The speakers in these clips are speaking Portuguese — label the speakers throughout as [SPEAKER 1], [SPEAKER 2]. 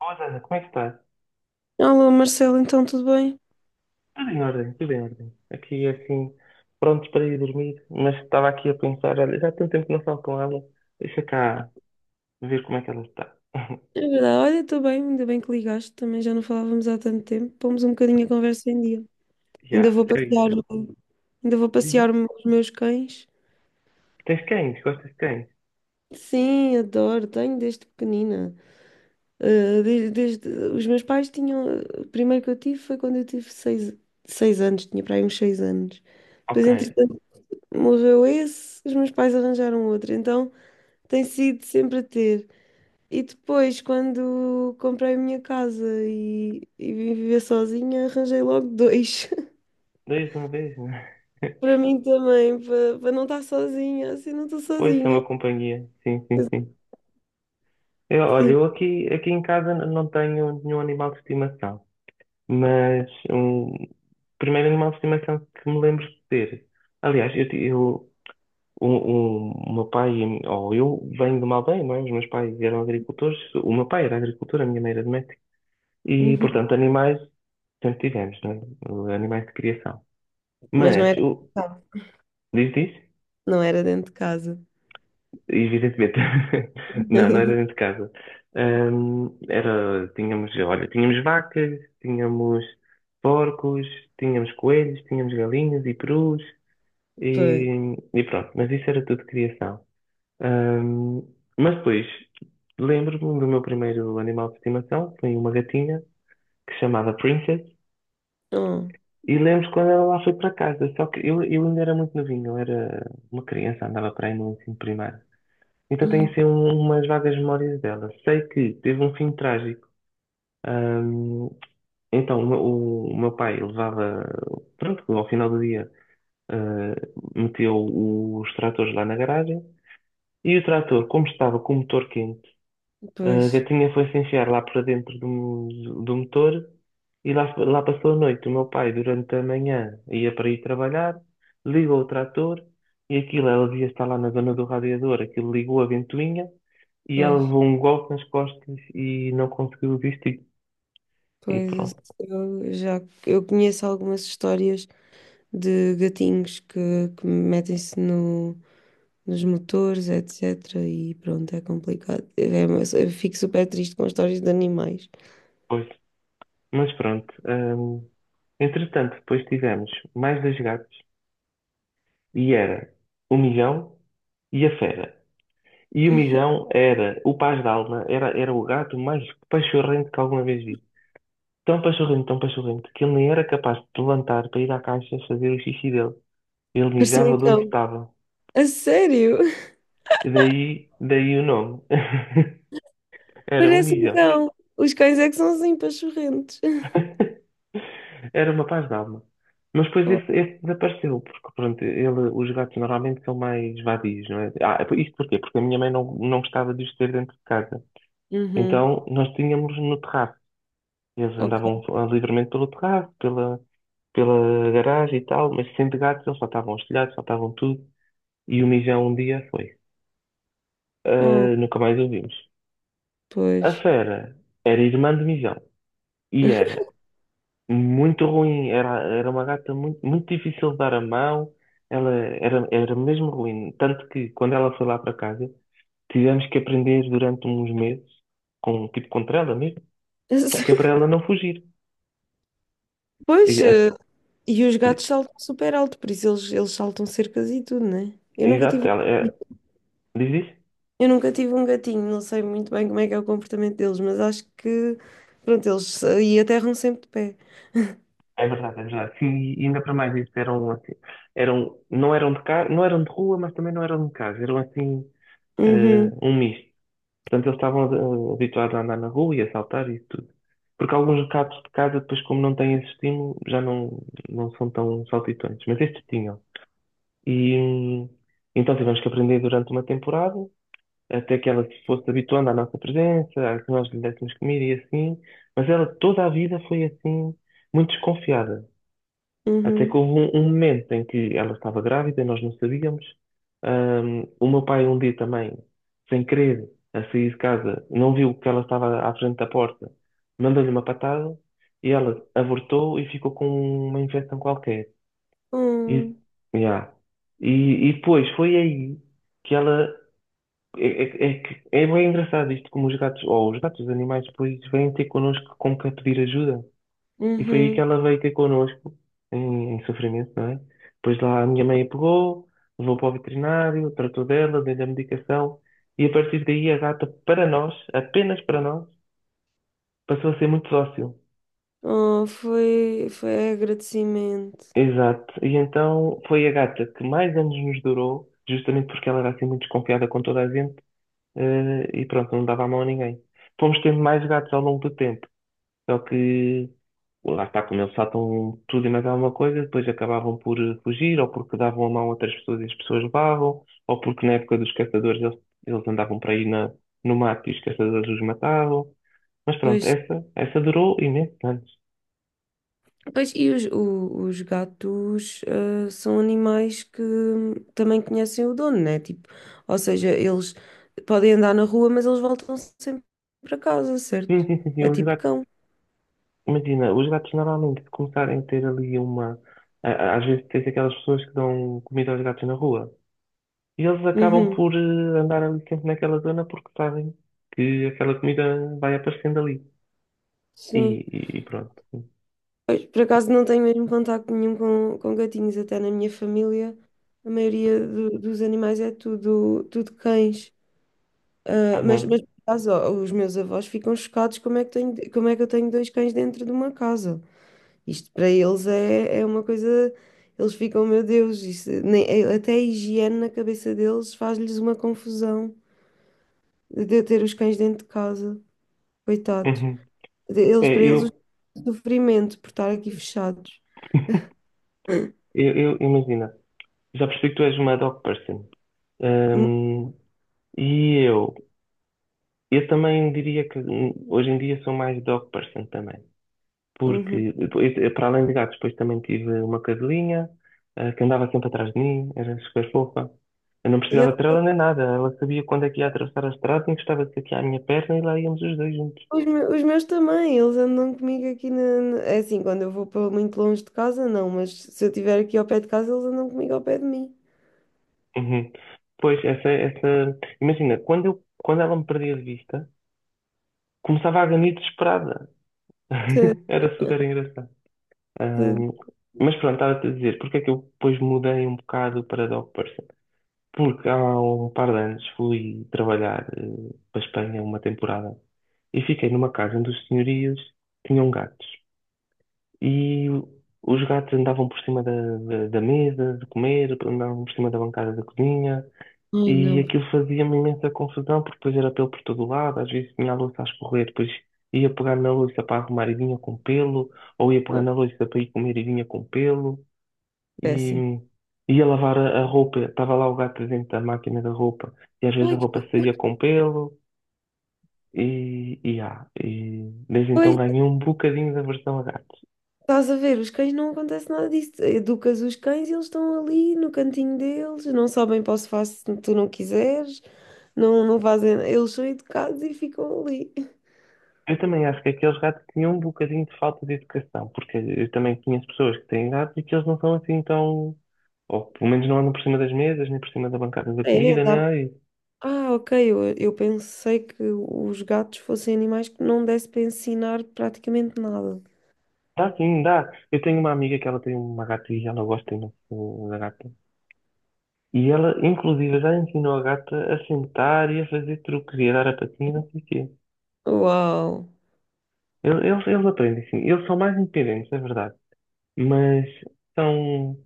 [SPEAKER 1] Olá, Ana, como é que estás?
[SPEAKER 2] Olá Marcelo, então tudo bem?
[SPEAKER 1] Tudo em ordem, tudo em ordem. Aqui, assim, prontos para ir dormir, mas estava aqui a pensar, olha, já há tanto tempo que não falo com ela, deixa cá ver como é que ela está.
[SPEAKER 2] É verdade, olha, estou bem, ainda bem que ligaste, também já não falávamos há tanto tempo, pomos um bocadinho a conversa em dia. Ainda
[SPEAKER 1] Já,
[SPEAKER 2] vou
[SPEAKER 1] é
[SPEAKER 2] passear,
[SPEAKER 1] isso.
[SPEAKER 2] o- ainda vou
[SPEAKER 1] Diz
[SPEAKER 2] passear
[SPEAKER 1] isso.
[SPEAKER 2] os meus cães.
[SPEAKER 1] Tens cães? Gostas de cães?
[SPEAKER 2] Sim, adoro, tenho desde pequenina. Ah, desde, os meus pais tinham, o primeiro que eu tive foi quando eu tive seis anos, tinha para aí uns 6 anos. Depois,
[SPEAKER 1] Ok,
[SPEAKER 2] entretanto, morreu esse, os meus pais arranjaram outro, então tem sido sempre a ter. E depois, quando comprei a minha casa e vim viver sozinha, arranjei logo dois.
[SPEAKER 1] dois de uma vez, né?
[SPEAKER 2] Para mim também, para não estar sozinha, assim não estou
[SPEAKER 1] Pois, são
[SPEAKER 2] sozinha.
[SPEAKER 1] uma companhia. Sim, sim,
[SPEAKER 2] Mas,
[SPEAKER 1] sim. Eu, olha,
[SPEAKER 2] sim.
[SPEAKER 1] eu aqui, aqui em casa não tenho nenhum animal de estimação, mas um primeiro animal de estimação que me lembro de ter. Aliás, eu, o meu pai, e a mi- ou eu, venho de uma aldeia, não é? Os meus pais eram agricultores. O meu pai era agricultor, a minha mãe era doméstica. E,
[SPEAKER 2] Uhum.
[SPEAKER 1] portanto, animais sempre tivemos, não é? Animais de criação.
[SPEAKER 2] Mas não
[SPEAKER 1] Mas,
[SPEAKER 2] era dentro de casa.
[SPEAKER 1] diz isso?
[SPEAKER 2] Não era dentro de casa.
[SPEAKER 1] Evidentemente. Não, não era dentro de casa. Tínhamos, olha, tínhamos vacas, tínhamos porcos, tínhamos coelhos, tínhamos galinhas e perus.
[SPEAKER 2] Pois.
[SPEAKER 1] E pronto, mas isso era tudo criação. Ahm, mas depois lembro-me do meu primeiro animal de estimação, foi uma gatinha que se chamava Princess,
[SPEAKER 2] Oh.
[SPEAKER 1] e lembro quando ela lá foi para casa, só que eu ainda era muito novinho, eu era uma criança, andava para aí no ensino primário. Então tenho
[SPEAKER 2] Uhum.
[SPEAKER 1] assim umas vagas memórias dela. Sei que teve um fim trágico. Ahm, então o meu pai levava, pronto, ao final do dia, ah, meteu os tratores lá na garagem, e o trator, como estava com o motor quente, a
[SPEAKER 2] Pois,
[SPEAKER 1] gatinha foi-se enfiar lá para dentro do, do motor e lá, lá passou a noite. O meu pai, durante a manhã, ia para ir trabalhar, ligou o trator e aquilo, ela devia estar lá na zona do radiador, aquilo ligou a ventoinha e ela
[SPEAKER 2] pois,
[SPEAKER 1] levou um golpe nas costas e não conseguiu vestir. E
[SPEAKER 2] pois
[SPEAKER 1] pronto,
[SPEAKER 2] eu já eu conheço algumas histórias de gatinhos que metem-se no, nos motores, etc. E pronto, é complicado. É, mas eu fico super triste com histórias de animais.
[SPEAKER 1] pois. Mas pronto. Entretanto, depois tivemos mais dois gatos e era o Milhão e a Fera. E o Mijão era o Paz d'Alma, era, era o gato mais pachorrento que alguma vez vi. Tão pachorrento, que ele nem era capaz de levantar para ir à caixa fazer o xixi dele. Ele
[SPEAKER 2] Parecia um
[SPEAKER 1] mijava de onde
[SPEAKER 2] cão.
[SPEAKER 1] estava.
[SPEAKER 2] A sério?
[SPEAKER 1] E daí, daí o nome. Era um
[SPEAKER 2] Parece um
[SPEAKER 1] Mijão.
[SPEAKER 2] cão. Os cães é que são assim pachorrentos.
[SPEAKER 1] Era uma Paz d'Alma. Mas depois esse,
[SPEAKER 2] Oh,
[SPEAKER 1] esse desapareceu, porque pronto, ele, os gatos normalmente são mais vadios, não é? Ah, isto porquê? Porque a minha mãe não gostava de os ter dentro de casa.
[SPEAKER 2] uhum,
[SPEAKER 1] Então nós tínhamos no terraço. E eles andavam
[SPEAKER 2] ok.
[SPEAKER 1] livremente pelo terraço, pela garagem e tal, mas sendo gatos eles saltavam os telhados, saltavam tudo. E o Mijão um dia foi.
[SPEAKER 2] Oh,
[SPEAKER 1] Ah, nunca mais o vimos. A
[SPEAKER 2] pois.
[SPEAKER 1] Fera era irmã de Mijão e era muito ruim, era, era uma gata muito, muito difícil de dar a mão, ela era, era mesmo ruim. Tanto que quando ela foi lá para casa, tivemos que aprender durante uns meses, com, tipo contra ela mesmo, que é para ela não fugir. E-
[SPEAKER 2] Pois,
[SPEAKER 1] é-
[SPEAKER 2] e os gatos saltam super alto, por isso eles saltam cercas e tudo, né? Eu nunca
[SPEAKER 1] Exato,
[SPEAKER 2] tive
[SPEAKER 1] ela é,
[SPEAKER 2] gatinho.
[SPEAKER 1] diz isso?
[SPEAKER 2] Eu nunca tive um gatinho, não sei muito bem como é que é o comportamento deles, mas acho que, pronto, eles e aterram sempre de pé.
[SPEAKER 1] É verdade, é verdade. Sim, e ainda para mais isso, eram assim, eram, não eram de casa, não eram de rua, mas também não eram de casa, eram assim,
[SPEAKER 2] Uhum.
[SPEAKER 1] um misto. Portanto, eles estavam habituados a andar na rua e a saltar e tudo. Porque alguns gatos de casa, depois, como não têm esse estímulo, já não, não são tão saltitões, mas estes tinham. E então tivemos que aprender durante uma temporada, até que ela se fosse habituando à nossa presença, a que nós lhe dessemos comida e assim, mas ela toda a vida foi assim, muito desconfiada. Até que
[SPEAKER 2] Uhum.
[SPEAKER 1] houve um momento em que ela estava grávida, nós não sabíamos. O meu pai um dia também, sem querer, a sair de casa, não viu que ela estava à frente da porta, mandou-lhe uma patada e ela abortou e ficou com uma infecção qualquer. E,
[SPEAKER 2] Hum.
[SPEAKER 1] yeah. E depois foi aí que ela. É, é, é, que- é bem engraçado isto, como os gatos, ou os gatos, os animais, depois vêm ter connosco como que a pedir ajuda. E foi aí que
[SPEAKER 2] Uhum.
[SPEAKER 1] ela veio ter connosco, em sofrimento, não é? Depois lá a minha mãe a pegou, levou para o veterinário, tratou dela, deu-lhe a medicação, e a partir daí a gata, para nós, apenas para nós, passou a ser muito dócil.
[SPEAKER 2] Oh, foi agradecimento.
[SPEAKER 1] Exato. E então foi a gata que mais anos nos durou, justamente porque ela era assim muito desconfiada com toda a gente, e pronto, não dava a mão a ninguém. Fomos tendo mais gatos ao longo do tempo, só que lá está, como eles saltam tudo e mais alguma coisa, depois acabavam por fugir, ou porque davam a mão a outras pessoas e as pessoas levavam, ou porque na época dos caçadores eles, eles andavam por aí na, no mato e os caçadores os matavam. Mas pronto,
[SPEAKER 2] Pois,
[SPEAKER 1] essa durou imensos anos.
[SPEAKER 2] pois e os gatos são animais que também conhecem o dono, né? Tipo, ou seja, eles podem andar na rua, mas eles voltam sempre para casa,
[SPEAKER 1] Sim,
[SPEAKER 2] certo?
[SPEAKER 1] sim, sim, sim,
[SPEAKER 2] É
[SPEAKER 1] os
[SPEAKER 2] tipo
[SPEAKER 1] gatos,
[SPEAKER 2] cão.
[SPEAKER 1] imagina, os gatos normalmente se começarem a ter ali uma. Às vezes tens aquelas pessoas que dão comida aos gatos na rua. E eles acabam
[SPEAKER 2] Uhum.
[SPEAKER 1] por andar ali sempre naquela zona porque sabem que aquela comida vai aparecendo ali. E,
[SPEAKER 2] Sim.
[SPEAKER 1] e pronto.
[SPEAKER 2] Pois, por acaso não tenho mesmo contacto nenhum com gatinhos, até na minha família. A maioria dos animais é tudo, tudo cães. Ah, mas
[SPEAKER 1] Uhum,
[SPEAKER 2] por acaso, ó, os meus avós ficam chocados como é que tenho, como é que eu tenho dois cães dentro de uma casa. Isto para eles é uma coisa. Eles ficam, meu Deus, isso, nem, até a higiene na cabeça deles faz-lhes uma confusão de eu ter os cães dentro de casa. Coitados.
[SPEAKER 1] uhum. Eh,
[SPEAKER 2] Eles, para eles, o
[SPEAKER 1] Eu,
[SPEAKER 2] sofrimento por estar aqui fechados.
[SPEAKER 1] Imagina, já percebi que tu és uma dog person. Hum, e eu também diria que hoje em dia sou mais dog person também.
[SPEAKER 2] Uhum.
[SPEAKER 1] Porque, depois, para além de gatos, depois também tive uma cadelinha, que andava sempre atrás de mim, era super fofa. Eu não precisava de trela nem nada, ela sabia quando é que ia atravessar a estrada, encostava-se aqui à minha perna e lá íamos os dois juntos.
[SPEAKER 2] Os meus também, eles andam comigo aqui É assim, quando eu vou para muito longe de casa, não, mas se eu estiver aqui ao pé de casa, eles andam comigo ao pé de mim.
[SPEAKER 1] Uhum. Pois, essa, imagina, quando eu, quando ela me perdia de vista, começava a ganir desesperada.
[SPEAKER 2] Te-
[SPEAKER 1] Era super engraçado.
[SPEAKER 2] te-
[SPEAKER 1] Ahm, mas pronto, estava-te a dizer, porque é que eu depois mudei um bocado para dog person? Porque há um par de anos fui trabalhar para a Espanha uma temporada e fiquei numa casa onde os senhorios tinham gatos. E os gatos andavam por cima da, da, da mesa de comer, andavam por cima da bancada da cozinha,
[SPEAKER 2] Ai,
[SPEAKER 1] e
[SPEAKER 2] não,
[SPEAKER 1] aquilo fazia-me imensa confusão, porque depois era pelo por todo lado, às vezes tinha a louça a escorrer, depois ia pegar na louça para arrumar e vinha com pelo, ou ia pegar na louça para ir comer e vinha com pelo, e
[SPEAKER 2] péssimo.
[SPEAKER 1] ia lavar a roupa, estava lá o gato dentro da máquina da roupa, e às vezes a
[SPEAKER 2] Ai, que
[SPEAKER 1] roupa
[SPEAKER 2] horror.
[SPEAKER 1] saía com pelo, e, ah, e desde então
[SPEAKER 2] Pois,
[SPEAKER 1] ganhei um bocadinho de aversão a gatos.
[SPEAKER 2] estás a ver, os cães não acontece nada disso. Educas os cães e eles estão ali no cantinho deles, não sabem para o sofá se tu não quiseres, não, não fazem. Eles são educados e ficam ali.
[SPEAKER 1] Eu também acho que aqueles gatos tinham um bocadinho de falta de educação, porque eu também conheço pessoas que têm gatos e que eles não são assim tão. Ou pelo menos não andam por cima das mesas, nem por cima da bancada da
[SPEAKER 2] É.
[SPEAKER 1] comida, nem nada disso.
[SPEAKER 2] Ah, ok. Eu pensei que os gatos fossem animais que não desse para ensinar praticamente nada.
[SPEAKER 1] Dá sim, dá. Eu tenho uma amiga que ela tem uma gata e ela gosta imenso da gata. E ela, inclusive, já ensinou a gata a sentar e a fazer truques e a dar a patinha e não sei o quê.
[SPEAKER 2] Uau!
[SPEAKER 1] Eles, eles aprendem, sim. Eles são mais independentes, é verdade. Mas são.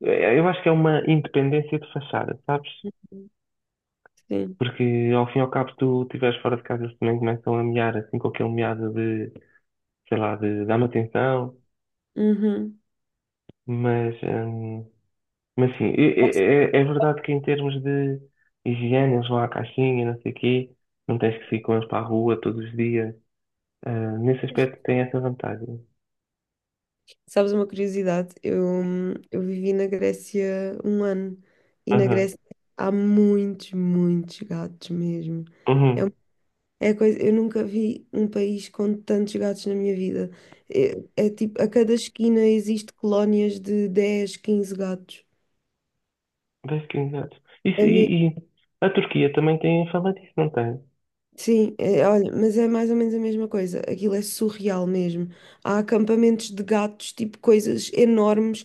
[SPEAKER 1] Eu acho que é uma independência de fachada, sabes?
[SPEAKER 2] Sim.
[SPEAKER 1] Porque ao fim e ao cabo, se tu estiveres fora de casa, eles também começam a miar, assim, com aquele miado de, sei lá, de dar me atenção.
[SPEAKER 2] Uhum.
[SPEAKER 1] Mas, hum, mas sim, é verdade que em termos de higiene, eles vão à caixinha, não sei o quê, não tens que sair com eles para a rua todos os dias. Ah, nesse aspecto, tem essa vantagem.
[SPEAKER 2] Sabes uma curiosidade? Eu vivi na Grécia um ano e na
[SPEAKER 1] Aham,
[SPEAKER 2] Grécia há muitos, muitos gatos mesmo. É, um-
[SPEAKER 1] uhum.
[SPEAKER 2] é a coisa, eu nunca vi um país com tantos gatos na minha vida. É tipo, a cada esquina existe colónias de 10, 15 gatos.
[SPEAKER 1] Basically, exato. Isso,
[SPEAKER 2] É.
[SPEAKER 1] e a Turquia também tem fama disso, não tem?
[SPEAKER 2] Sim, é, olha, mas é mais ou menos a mesma coisa. Aquilo é surreal mesmo. Há acampamentos de gatos, tipo coisas enormes,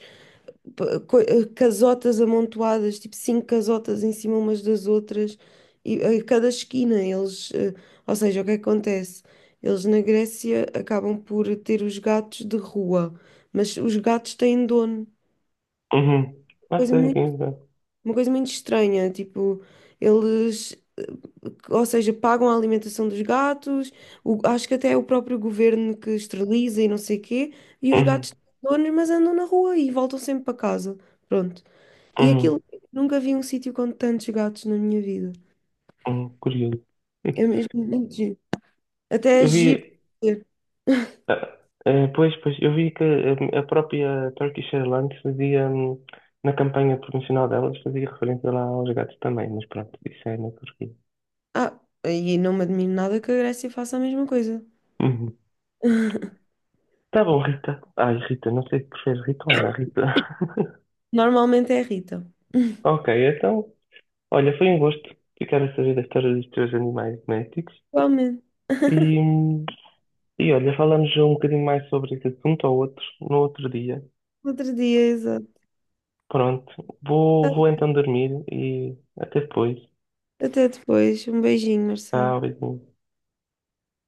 [SPEAKER 2] casotas amontoadas, tipo cinco casotas em cima umas das outras, e a cada esquina eles, ou seja, o que é que acontece? Eles na Grécia acabam por ter os gatos de rua, mas os gatos têm dono.
[SPEAKER 1] Uhum. Não
[SPEAKER 2] Coisa
[SPEAKER 1] sei, quem sabe.
[SPEAKER 2] uma coisa muito estranha, tipo, eles, ou seja, pagam a alimentação dos gatos, acho que até é o próprio governo que esteriliza e não sei quê, e os
[SPEAKER 1] Uhum.
[SPEAKER 2] gatos têm donos, mas andam na rua e voltam sempre para casa. Pronto. E
[SPEAKER 1] Uhum.
[SPEAKER 2] aquilo, nunca vi um sítio com tantos gatos na minha vida.
[SPEAKER 1] Uhum. Curioso.
[SPEAKER 2] É mesmo muito giro. Até é
[SPEAKER 1] Eu
[SPEAKER 2] giro.
[SPEAKER 1] vi.
[SPEAKER 2] Ver.
[SPEAKER 1] Ah, Pois, pois, eu vi que a própria Turkish Airlines fazia, na campanha promocional delas, fazia referência lá aos gatos também, mas pronto, isso é na Turquia.
[SPEAKER 2] Ah, e não me admiro nada que a Grécia faça a mesma coisa.
[SPEAKER 1] Uhum. Tá bom, Rita. Ai, Rita, não sei se preferes Rita ou Ana, Rita.
[SPEAKER 2] Normalmente é a Rita.
[SPEAKER 1] Ok, então, olha, foi um gosto ficar a saber da história dos teus animais domésticos.
[SPEAKER 2] Igualmente.
[SPEAKER 1] E, hum, e olha, falamos um bocadinho mais sobre esse assunto ou outro, no outro dia.
[SPEAKER 2] Outro dia, exato.
[SPEAKER 1] Pronto,
[SPEAKER 2] Ah,
[SPEAKER 1] vou então dormir e até depois.
[SPEAKER 2] até depois. Um beijinho, Marcelo.
[SPEAKER 1] Tchau, beijinho.